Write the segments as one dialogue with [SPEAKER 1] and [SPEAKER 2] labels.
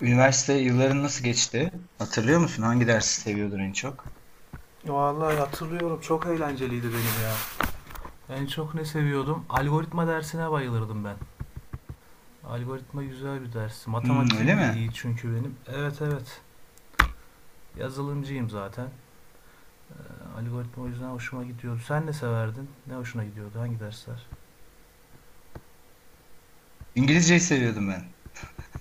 [SPEAKER 1] Üniversite yılların nasıl geçti? Hatırlıyor musun? Hangi dersi seviyordun en çok?
[SPEAKER 2] Vallahi hatırlıyorum, çok eğlenceliydi benim ya. En çok ne seviyordum? Algoritma dersine bayılırdım ben. Algoritma güzel bir ders.
[SPEAKER 1] Hmm, öyle
[SPEAKER 2] Matematiğim de
[SPEAKER 1] mi?
[SPEAKER 2] iyi çünkü benim. Evet, evet. Yazılımcıyım zaten. Ee, Algoritma o yüzden hoşuma gidiyordu. Sen ne severdin? Ne hoşuna gidiyordu? Hangi dersler?
[SPEAKER 1] İngilizceyi seviyordum ben.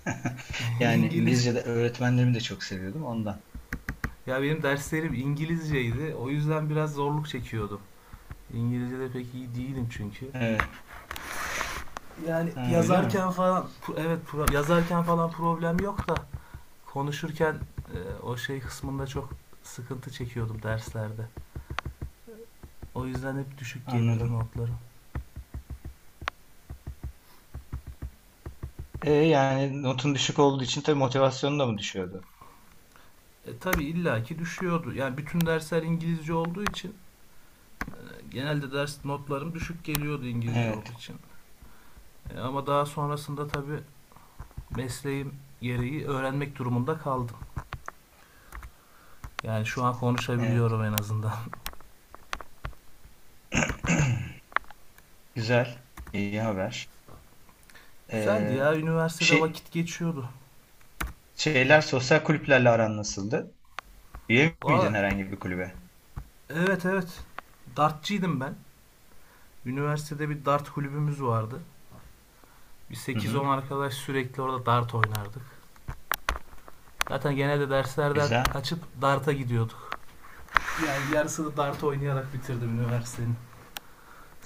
[SPEAKER 1] Yani
[SPEAKER 2] İngiliz.
[SPEAKER 1] İngilizce'de öğretmenlerimi de çok seviyordum ondan.
[SPEAKER 2] Ya benim derslerim İngilizceydi. O yüzden biraz zorluk çekiyordum. İngilizce'de pek iyi değilim çünkü.
[SPEAKER 1] Evet.
[SPEAKER 2] Yani
[SPEAKER 1] Ha, öyle mi?
[SPEAKER 2] yazarken falan, evet, yazarken falan problem yok da, konuşurken o şey kısmında çok sıkıntı çekiyordum derslerde. O yüzden hep düşük gelirdi
[SPEAKER 1] Anladım.
[SPEAKER 2] notlarım.
[SPEAKER 1] Yani notun düşük olduğu için tabii motivasyonun da mı düşüyordu?
[SPEAKER 2] Tabii illaki düşüyordu. Yani bütün dersler İngilizce olduğu için genelde ders notlarım düşük geliyordu İngilizce olduğu
[SPEAKER 1] Evet.
[SPEAKER 2] için. Ama daha sonrasında tabii mesleğim gereği öğrenmek durumunda kaldım. Yani şu an
[SPEAKER 1] Evet.
[SPEAKER 2] konuşabiliyorum en azından.
[SPEAKER 1] Güzel. İyi haber.
[SPEAKER 2] Güzeldi
[SPEAKER 1] E,
[SPEAKER 2] ya, üniversitede
[SPEAKER 1] şey,
[SPEAKER 2] vakit geçiyordu.
[SPEAKER 1] şeyler sosyal kulüplerle aran nasıldı? Üye miydin
[SPEAKER 2] Valla,
[SPEAKER 1] herhangi bir kulübe?
[SPEAKER 2] evet, evet, dartçıydım ben. Üniversitede bir dart kulübümüz vardı. Bir
[SPEAKER 1] Hı hı.
[SPEAKER 2] 8-10 arkadaş sürekli orada dart oynardık. Zaten genelde derslerden
[SPEAKER 1] Güzel.
[SPEAKER 2] kaçıp darta gidiyorduk. Yani yarısını dart oynayarak bitirdim üniversitenin.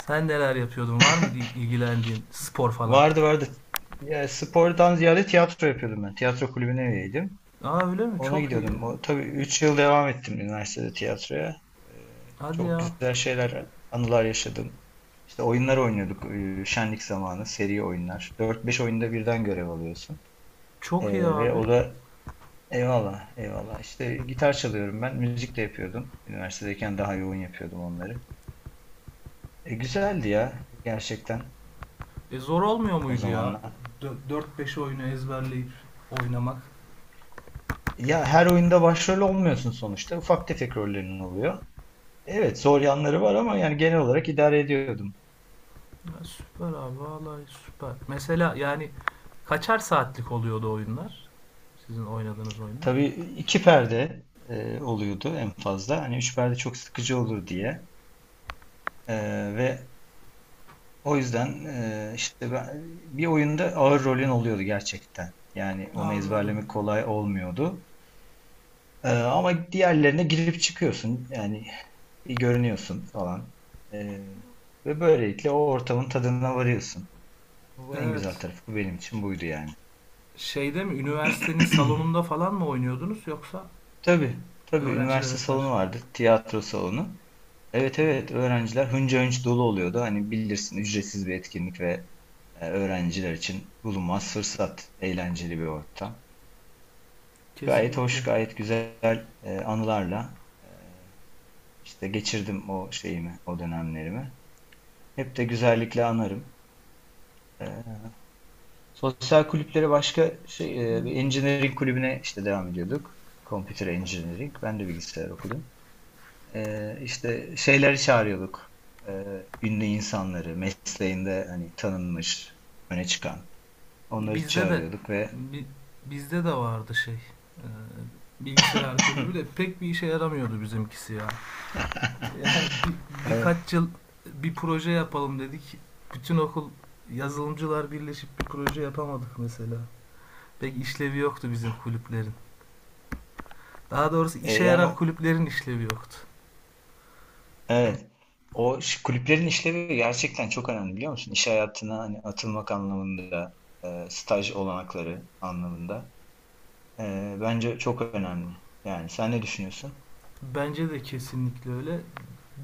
[SPEAKER 2] Sen neler yapıyordun? Var mıydı ilgilendiğin spor falan?
[SPEAKER 1] Vardı. Ya, spordan ziyade tiyatro yapıyordum ben. Tiyatro kulübüne üyeydim.
[SPEAKER 2] Aa, öyle mi?
[SPEAKER 1] Ona
[SPEAKER 2] Çok iyi.
[SPEAKER 1] gidiyordum. O, tabii 3 yıl devam ettim üniversitede tiyatroya.
[SPEAKER 2] Hadi
[SPEAKER 1] Çok
[SPEAKER 2] ya.
[SPEAKER 1] güzel şeyler, anılar yaşadım. İşte oyunlar oynuyorduk şenlik zamanı, seri oyunlar. Dört beş oyunda birden görev alıyorsun.
[SPEAKER 2] Çok iyi
[SPEAKER 1] Ve
[SPEAKER 2] abi.
[SPEAKER 1] o da Eyvallah, eyvallah. İşte gitar çalıyorum ben. Müzik de yapıyordum. Üniversitedeyken daha yoğun yapıyordum onları. Güzeldi ya gerçekten
[SPEAKER 2] Zor olmuyor
[SPEAKER 1] o
[SPEAKER 2] muydu ya?
[SPEAKER 1] zamanlar.
[SPEAKER 2] 4-5 oyunu ezberleyip oynamak.
[SPEAKER 1] Ya her oyunda başrol olmuyorsun sonuçta. Ufak tefek rollerin oluyor. Evet, zor yanları var ama yani genel olarak idare ediyordum.
[SPEAKER 2] Ya süper abi, vallahi süper. Mesela, yani kaçar saatlik oluyordu oyunlar? Sizin oynadığınız oyunlar?
[SPEAKER 1] Tabii, iki perde oluyordu en fazla. Hani üç perde çok sıkıcı olur diye. E, ve o yüzden e, işte ben, Bir oyunda ağır rolün oluyordu gerçekten. Yani onu
[SPEAKER 2] Anladım.
[SPEAKER 1] ezberlemek kolay olmuyordu. Ama diğerlerine girip çıkıyorsun. Yani bir görünüyorsun falan. E, ve Böylelikle o ortamın tadına varıyorsun. Bu en güzel
[SPEAKER 2] Evet.
[SPEAKER 1] tarafı benim için buydu yani.
[SPEAKER 2] Şeyde mi, üniversitenin salonunda falan mı oynuyordunuz, yoksa
[SPEAKER 1] Tabii, tabii, üniversite
[SPEAKER 2] öğrencilere karşı?
[SPEAKER 1] salonu vardı, tiyatro salonu. Evet,
[SPEAKER 2] Hı-hı.
[SPEAKER 1] evet, öğrenciler hınca hınç dolu oluyordu. Hani bilirsin, ücretsiz bir etkinlik ve öğrenciler için bulunmaz fırsat, eğlenceli bir ortam. Gayet
[SPEAKER 2] Kesinlikle.
[SPEAKER 1] hoş, gayet güzel anılarla işte geçirdim o şeyimi, o dönemlerimi. Hep de güzellikle anarım. E, Sosyal kulüpleri başka şey,
[SPEAKER 2] Hı-hı.
[SPEAKER 1] engineering kulübüne işte devam ediyorduk. Computer Engineering. Ben de bilgisayar okudum. İşte şeyleri çağırıyorduk. Ünlü insanları, mesleğinde hani tanınmış, öne çıkan. Onları
[SPEAKER 2] Bizde de
[SPEAKER 1] çağırıyorduk ve
[SPEAKER 2] bi- bizde de vardı şey. Bilgisayar kulübü de pek bir işe yaramıyordu bizimkisi ya. Yani
[SPEAKER 1] e,
[SPEAKER 2] birkaç yıl bir proje yapalım dedik. Bütün okul yazılımcılar birleşip bir proje yapamadık mesela. Pek işlevi yoktu bizim kulüplerin. Daha doğrusu
[SPEAKER 1] e,
[SPEAKER 2] işe
[SPEAKER 1] yani
[SPEAKER 2] yarar
[SPEAKER 1] o-
[SPEAKER 2] kulüplerin işlevi yoktu.
[SPEAKER 1] evet, kulüplerin işlevi gerçekten çok önemli biliyor musun? İş hayatına hani atılmak anlamında, staj olanakları anlamında. Bence çok önemli. Yani sen ne düşünüyorsun?
[SPEAKER 2] Bence de kesinlikle öyle.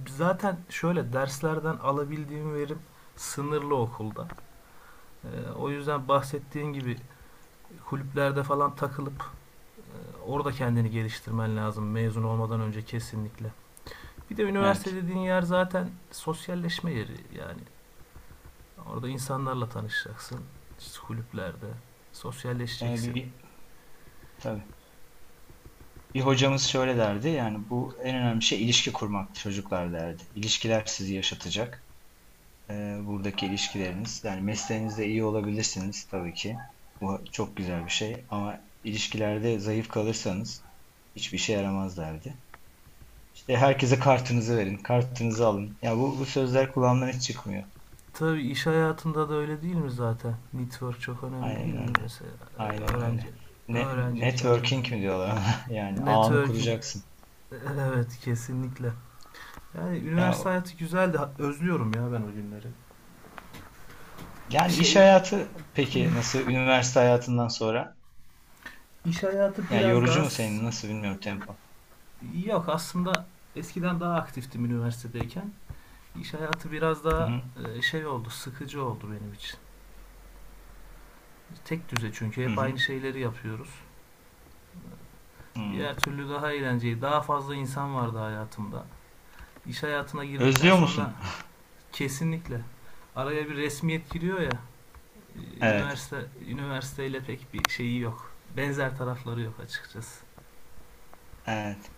[SPEAKER 2] Zaten şöyle derslerden alabildiğim verim sınırlı okulda. O yüzden bahsettiğin gibi kulüplerde falan takılıp e, orada kendini geliştirmen lazım mezun olmadan önce, kesinlikle. Bir de üniversite
[SPEAKER 1] Evet.
[SPEAKER 2] dediğin yer zaten sosyalleşme yeri yani. Orada insanlarla tanışacaksın, işte kulüplerde.
[SPEAKER 1] E,
[SPEAKER 2] Sosyalleşeceksin.
[SPEAKER 1] bir Tabii. Bir hocamız şöyle derdi, yani bu en önemli şey ilişki kurmak çocuklar derdi. İlişkiler sizi yaşatacak. Buradaki ilişkileriniz. Yani mesleğinizde iyi olabilirsiniz tabii ki. Bu çok güzel bir şey. Ama ilişkilerde zayıf kalırsanız hiçbir şey yaramaz derdi. İşte herkese kartınızı verin, kartınızı alın. Ya bu sözler kulağımdan hiç çıkmıyor.
[SPEAKER 2] Tabii iş hayatında da öyle, değil mi zaten? Network çok önemli, değil
[SPEAKER 1] Aynen
[SPEAKER 2] mi
[SPEAKER 1] öyle.
[SPEAKER 2] mesela? Ee,
[SPEAKER 1] Aynen
[SPEAKER 2] Öğrenci
[SPEAKER 1] öyle. Ne,
[SPEAKER 2] Öğrenciyken de öyle.
[SPEAKER 1] networking mi diyorlar ona? Yani ağını
[SPEAKER 2] Networking.
[SPEAKER 1] kuracaksın.
[SPEAKER 2] Evet, kesinlikle. Yani üniversite
[SPEAKER 1] Ya
[SPEAKER 2] hayatı güzeldi. Özlüyorum ya ben o günleri.
[SPEAKER 1] yani iş
[SPEAKER 2] Şey,
[SPEAKER 1] hayatı peki nasıl üniversite hayatından sonra?
[SPEAKER 2] iş hayatı
[SPEAKER 1] Yani
[SPEAKER 2] biraz
[SPEAKER 1] yorucu
[SPEAKER 2] daha
[SPEAKER 1] mu senin? Nasıl bilmiyorum, tempo.
[SPEAKER 2] yok aslında, eskiden daha aktiftim üniversitedeyken. İş hayatı biraz
[SPEAKER 1] Hı
[SPEAKER 2] daha
[SPEAKER 1] hı.
[SPEAKER 2] şey oldu, sıkıcı oldu benim için. Tek düze çünkü
[SPEAKER 1] Hı
[SPEAKER 2] hep
[SPEAKER 1] hı.
[SPEAKER 2] aynı şeyleri yapıyoruz.
[SPEAKER 1] Hı.
[SPEAKER 2] Diğer türlü daha eğlenceli, daha fazla insan vardı hayatımda. İş hayatına girdikten
[SPEAKER 1] Özlüyor
[SPEAKER 2] sonra
[SPEAKER 1] musun?
[SPEAKER 2] kesinlikle araya bir resmiyet giriyor ya.
[SPEAKER 1] Evet,
[SPEAKER 2] Üniversiteyle pek bir şeyi yok. Benzer tarafları yok açıkçası.
[SPEAKER 1] evet.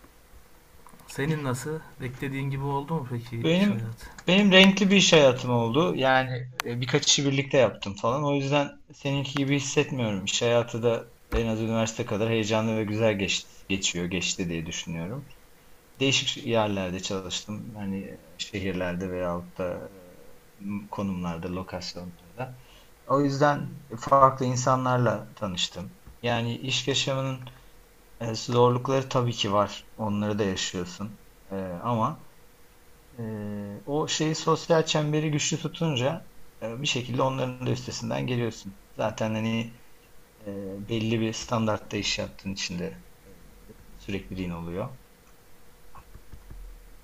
[SPEAKER 2] Senin nasıl? Beklediğin gibi oldu mu peki iş
[SPEAKER 1] Benim
[SPEAKER 2] hayatı?
[SPEAKER 1] benim renkli bir iş hayatım oldu. Yani birkaç işi birlikte yaptım falan. O yüzden seninki gibi hissetmiyorum. İş hayatı da en az üniversite kadar heyecanlı ve güzel geçti, geçiyor, geçti diye düşünüyorum. Değişik yerlerde çalıştım. Hani şehirlerde veyahut da konumlarda, lokasyonlarda. O yüzden farklı insanlarla tanıştım. Yani iş yaşamının zorlukları tabii ki var. Onları da yaşıyorsun. E, ama O şeyi, sosyal çemberi güçlü tutunca bir şekilde onların da üstesinden geliyorsun. Zaten hani belli bir standartta iş yaptığın için de sürekliliğin oluyor.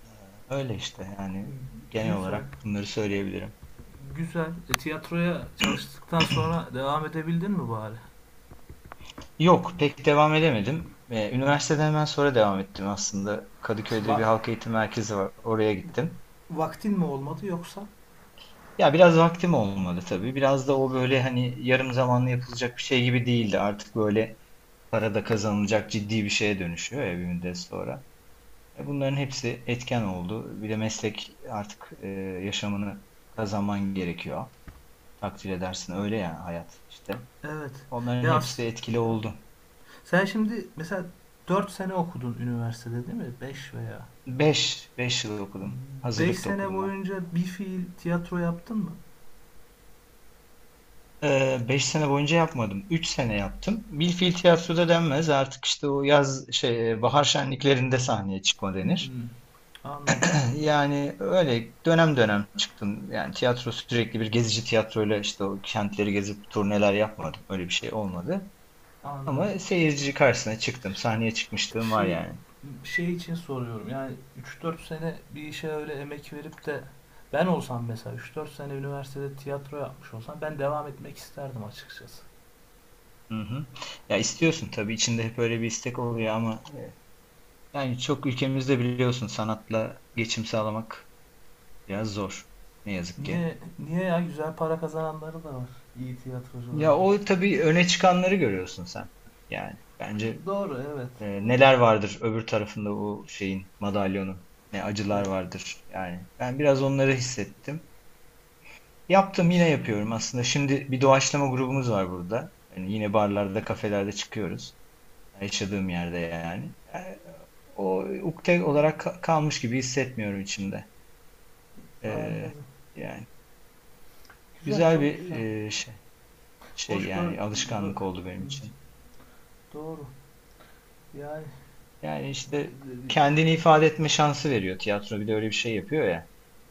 [SPEAKER 1] Ee, Öyle işte yani genel
[SPEAKER 2] Güzel.
[SPEAKER 1] olarak bunları söyleyebilirim.
[SPEAKER 2] Güzel. Tiyatroya çalıştıktan sonra devam edebildin mi bari?
[SPEAKER 1] Yok, pek devam edemedim. Üniversiteden hemen sonra devam ettim aslında. Kadıköy'de bir
[SPEAKER 2] Va-
[SPEAKER 1] halk eğitim merkezi var. Oraya gittim.
[SPEAKER 2] Vaktin mi olmadı yoksa?
[SPEAKER 1] Ya biraz vaktim olmadı tabii. Biraz da o böyle hani yarım zamanlı yapılacak bir şey gibi değildi. Artık böyle para da kazanılacak ciddi bir şeye dönüşüyor ya bir müddet sonra. E, bunların hepsi etken oldu. Bir de meslek artık yaşamını kazanman gerekiyor. Takdir edersin, öyle ya hayat işte.
[SPEAKER 2] Evet.
[SPEAKER 1] Onların
[SPEAKER 2] Ya
[SPEAKER 1] hepsi etkili oldu.
[SPEAKER 2] sen şimdi mesela 4 sene okudun üniversitede, değil mi? 5 veya
[SPEAKER 1] Beş, yıl okudum.
[SPEAKER 2] 5
[SPEAKER 1] Hazırlıkta
[SPEAKER 2] sene
[SPEAKER 1] okudum ben.
[SPEAKER 2] boyunca bir fiil tiyatro yaptın mı?
[SPEAKER 1] 5 sene boyunca yapmadım. 3 sene yaptım. Bilfil tiyatroda denmez. Artık işte o yaz şey bahar şenliklerinde sahneye çıkma denir.
[SPEAKER 2] Hmm. Anladım.
[SPEAKER 1] Yani öyle dönem dönem çıktım. Yani tiyatro sürekli bir gezici tiyatroyla işte o kentleri gezip turneler yapmadım. Öyle bir şey olmadı. Ama
[SPEAKER 2] Anladım.
[SPEAKER 1] seyirci karşısına çıktım. Sahneye çıkmışlığım var
[SPEAKER 2] şey
[SPEAKER 1] yani.
[SPEAKER 2] şey için soruyorum. Yani üç dört sene bir işe öyle emek verip de, ben olsam mesela üç dört sene üniversitede tiyatro yapmış olsam, ben devam etmek isterdim açıkçası.
[SPEAKER 1] Hı hı. Ya istiyorsun tabii, içinde hep öyle bir istek oluyor ama çok ülkemizde biliyorsun sanatla geçim sağlamak biraz zor. Ne yazık
[SPEAKER 2] Niye,
[SPEAKER 1] ki.
[SPEAKER 2] niye ya, güzel para kazananları da var iyi
[SPEAKER 1] Ya
[SPEAKER 2] tiyatrocularda.
[SPEAKER 1] o tabii öne çıkanları görüyorsun sen. Yani bence
[SPEAKER 2] Doğru, evet.
[SPEAKER 1] Neler vardır öbür tarafında bu şeyin, madalyonun? Ne
[SPEAKER 2] E,
[SPEAKER 1] acılar vardır yani. Ben biraz onları hissettim. Yaptım,
[SPEAKER 2] iş
[SPEAKER 1] yine yapıyorum aslında. Şimdi bir doğaçlama grubumuz var burada. Yani yine barlarda, kafelerde çıkıyoruz. Yaşadığım yerde yani. Yani o ukde olarak kalmış gibi hissetmiyorum içimde. Ee,
[SPEAKER 2] Anladım.
[SPEAKER 1] yani
[SPEAKER 2] Güzel,
[SPEAKER 1] Güzel
[SPEAKER 2] çok
[SPEAKER 1] bir
[SPEAKER 2] güzel. Hoş böyle,
[SPEAKER 1] yani
[SPEAKER 2] bö-
[SPEAKER 1] alışkanlık oldu benim için.
[SPEAKER 2] doğru. Yani
[SPEAKER 1] Yani işte kendini ifade etme şansı veriyor. Tiyatro bir de öyle bir şey yapıyor ya.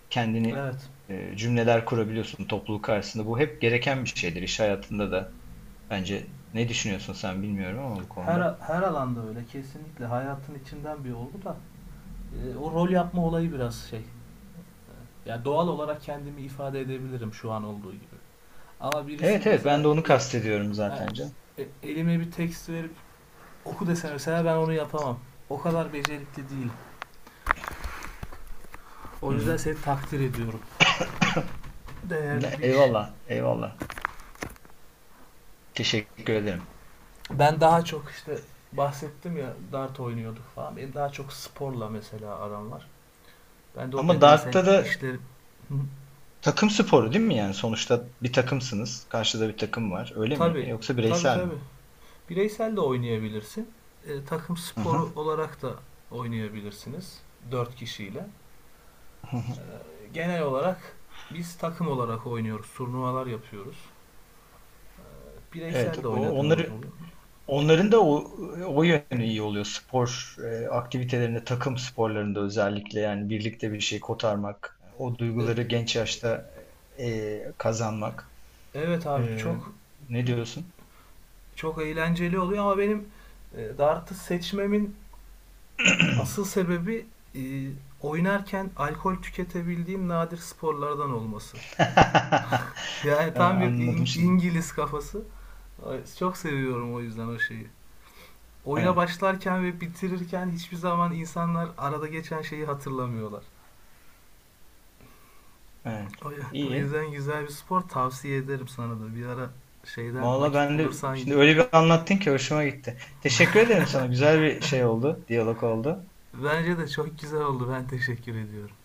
[SPEAKER 1] Kendini
[SPEAKER 2] evet.
[SPEAKER 1] cümleler kurabiliyorsun topluluk karşısında. Bu hep gereken bir şeydir iş hayatında da. Bence, ne düşünüyorsun sen bilmiyorum ama bu
[SPEAKER 2] Her
[SPEAKER 1] konuda.
[SPEAKER 2] her alanda öyle, kesinlikle hayatın içinden bir olgu da, o rol yapma olayı biraz şey. Ya, doğal olarak kendimi ifade edebilirim, şu an olduğu gibi. Ama birisi
[SPEAKER 1] Evet, evet,
[SPEAKER 2] mesela
[SPEAKER 1] ben de onu kastediyorum
[SPEAKER 2] ha,
[SPEAKER 1] zaten canım.
[SPEAKER 2] elime bir tekst verip oku dese, mesela ben onu yapamam. O kadar becerikli değil.
[SPEAKER 1] Hı
[SPEAKER 2] O yüzden
[SPEAKER 1] hı.
[SPEAKER 2] seni takdir ediyorum. Değerli bir iş.
[SPEAKER 1] Eyvallah, eyvallah. Teşekkür ederim.
[SPEAKER 2] Ben daha çok işte bahsettim ya, dart oynuyorduk falan. Benim daha çok sporla mesela aram var. Ben de o
[SPEAKER 1] Ama
[SPEAKER 2] bedensel
[SPEAKER 1] Dart'ta da
[SPEAKER 2] işleri.
[SPEAKER 1] takım sporu değil mi yani? Sonuçta bir takımsınız. Karşıda bir takım var. Öyle mi?
[SPEAKER 2] Tabi,
[SPEAKER 1] Yoksa
[SPEAKER 2] tabi,
[SPEAKER 1] bireysel
[SPEAKER 2] tabi,
[SPEAKER 1] mi?
[SPEAKER 2] bireysel de oynayabilirsin. Takım
[SPEAKER 1] Hı hı.
[SPEAKER 2] sporu olarak da oynayabilirsiniz, 4 kişiyle.
[SPEAKER 1] Hı hı.
[SPEAKER 2] Genel olarak biz takım olarak oynuyoruz. Turnuvalar yapıyoruz.
[SPEAKER 1] Evet,
[SPEAKER 2] Bireysel de
[SPEAKER 1] o-
[SPEAKER 2] oynadığımız
[SPEAKER 1] onları
[SPEAKER 2] oluyor.
[SPEAKER 1] Onların da o, o yönü iyi oluyor. Spor aktivitelerinde, takım sporlarında özellikle yani birlikte bir şey kotarmak, o
[SPEAKER 2] E,
[SPEAKER 1] duyguları genç yaşta kazanmak.
[SPEAKER 2] evet abi,
[SPEAKER 1] E,
[SPEAKER 2] çok
[SPEAKER 1] Ne diyorsun?
[SPEAKER 2] çok eğlenceli oluyor, ama benim dartı seçmemin asıl sebebi e, oynarken alkol tüketebildiğim nadir sporlardan olması. Yani tam bir
[SPEAKER 1] Anladım şimdi.
[SPEAKER 2] İngiliz kafası. Çok seviyorum o yüzden o şeyi. Oyuna
[SPEAKER 1] Evet,
[SPEAKER 2] başlarken ve bitirirken hiçbir zaman insanlar arada geçen şeyi hatırlamıyorlar.
[SPEAKER 1] evet.
[SPEAKER 2] O
[SPEAKER 1] İyi.
[SPEAKER 2] yüzden güzel bir spor, tavsiye ederim sana da. Bir ara şeyden
[SPEAKER 1] Valla
[SPEAKER 2] vakit
[SPEAKER 1] ben de
[SPEAKER 2] bulursan,
[SPEAKER 1] şimdi öyle bir anlattın ki hoşuma gitti. Teşekkür ederim sana. Güzel bir şey oldu, diyalog oldu.
[SPEAKER 2] bence de çok güzel oldu. Ben teşekkür ediyorum.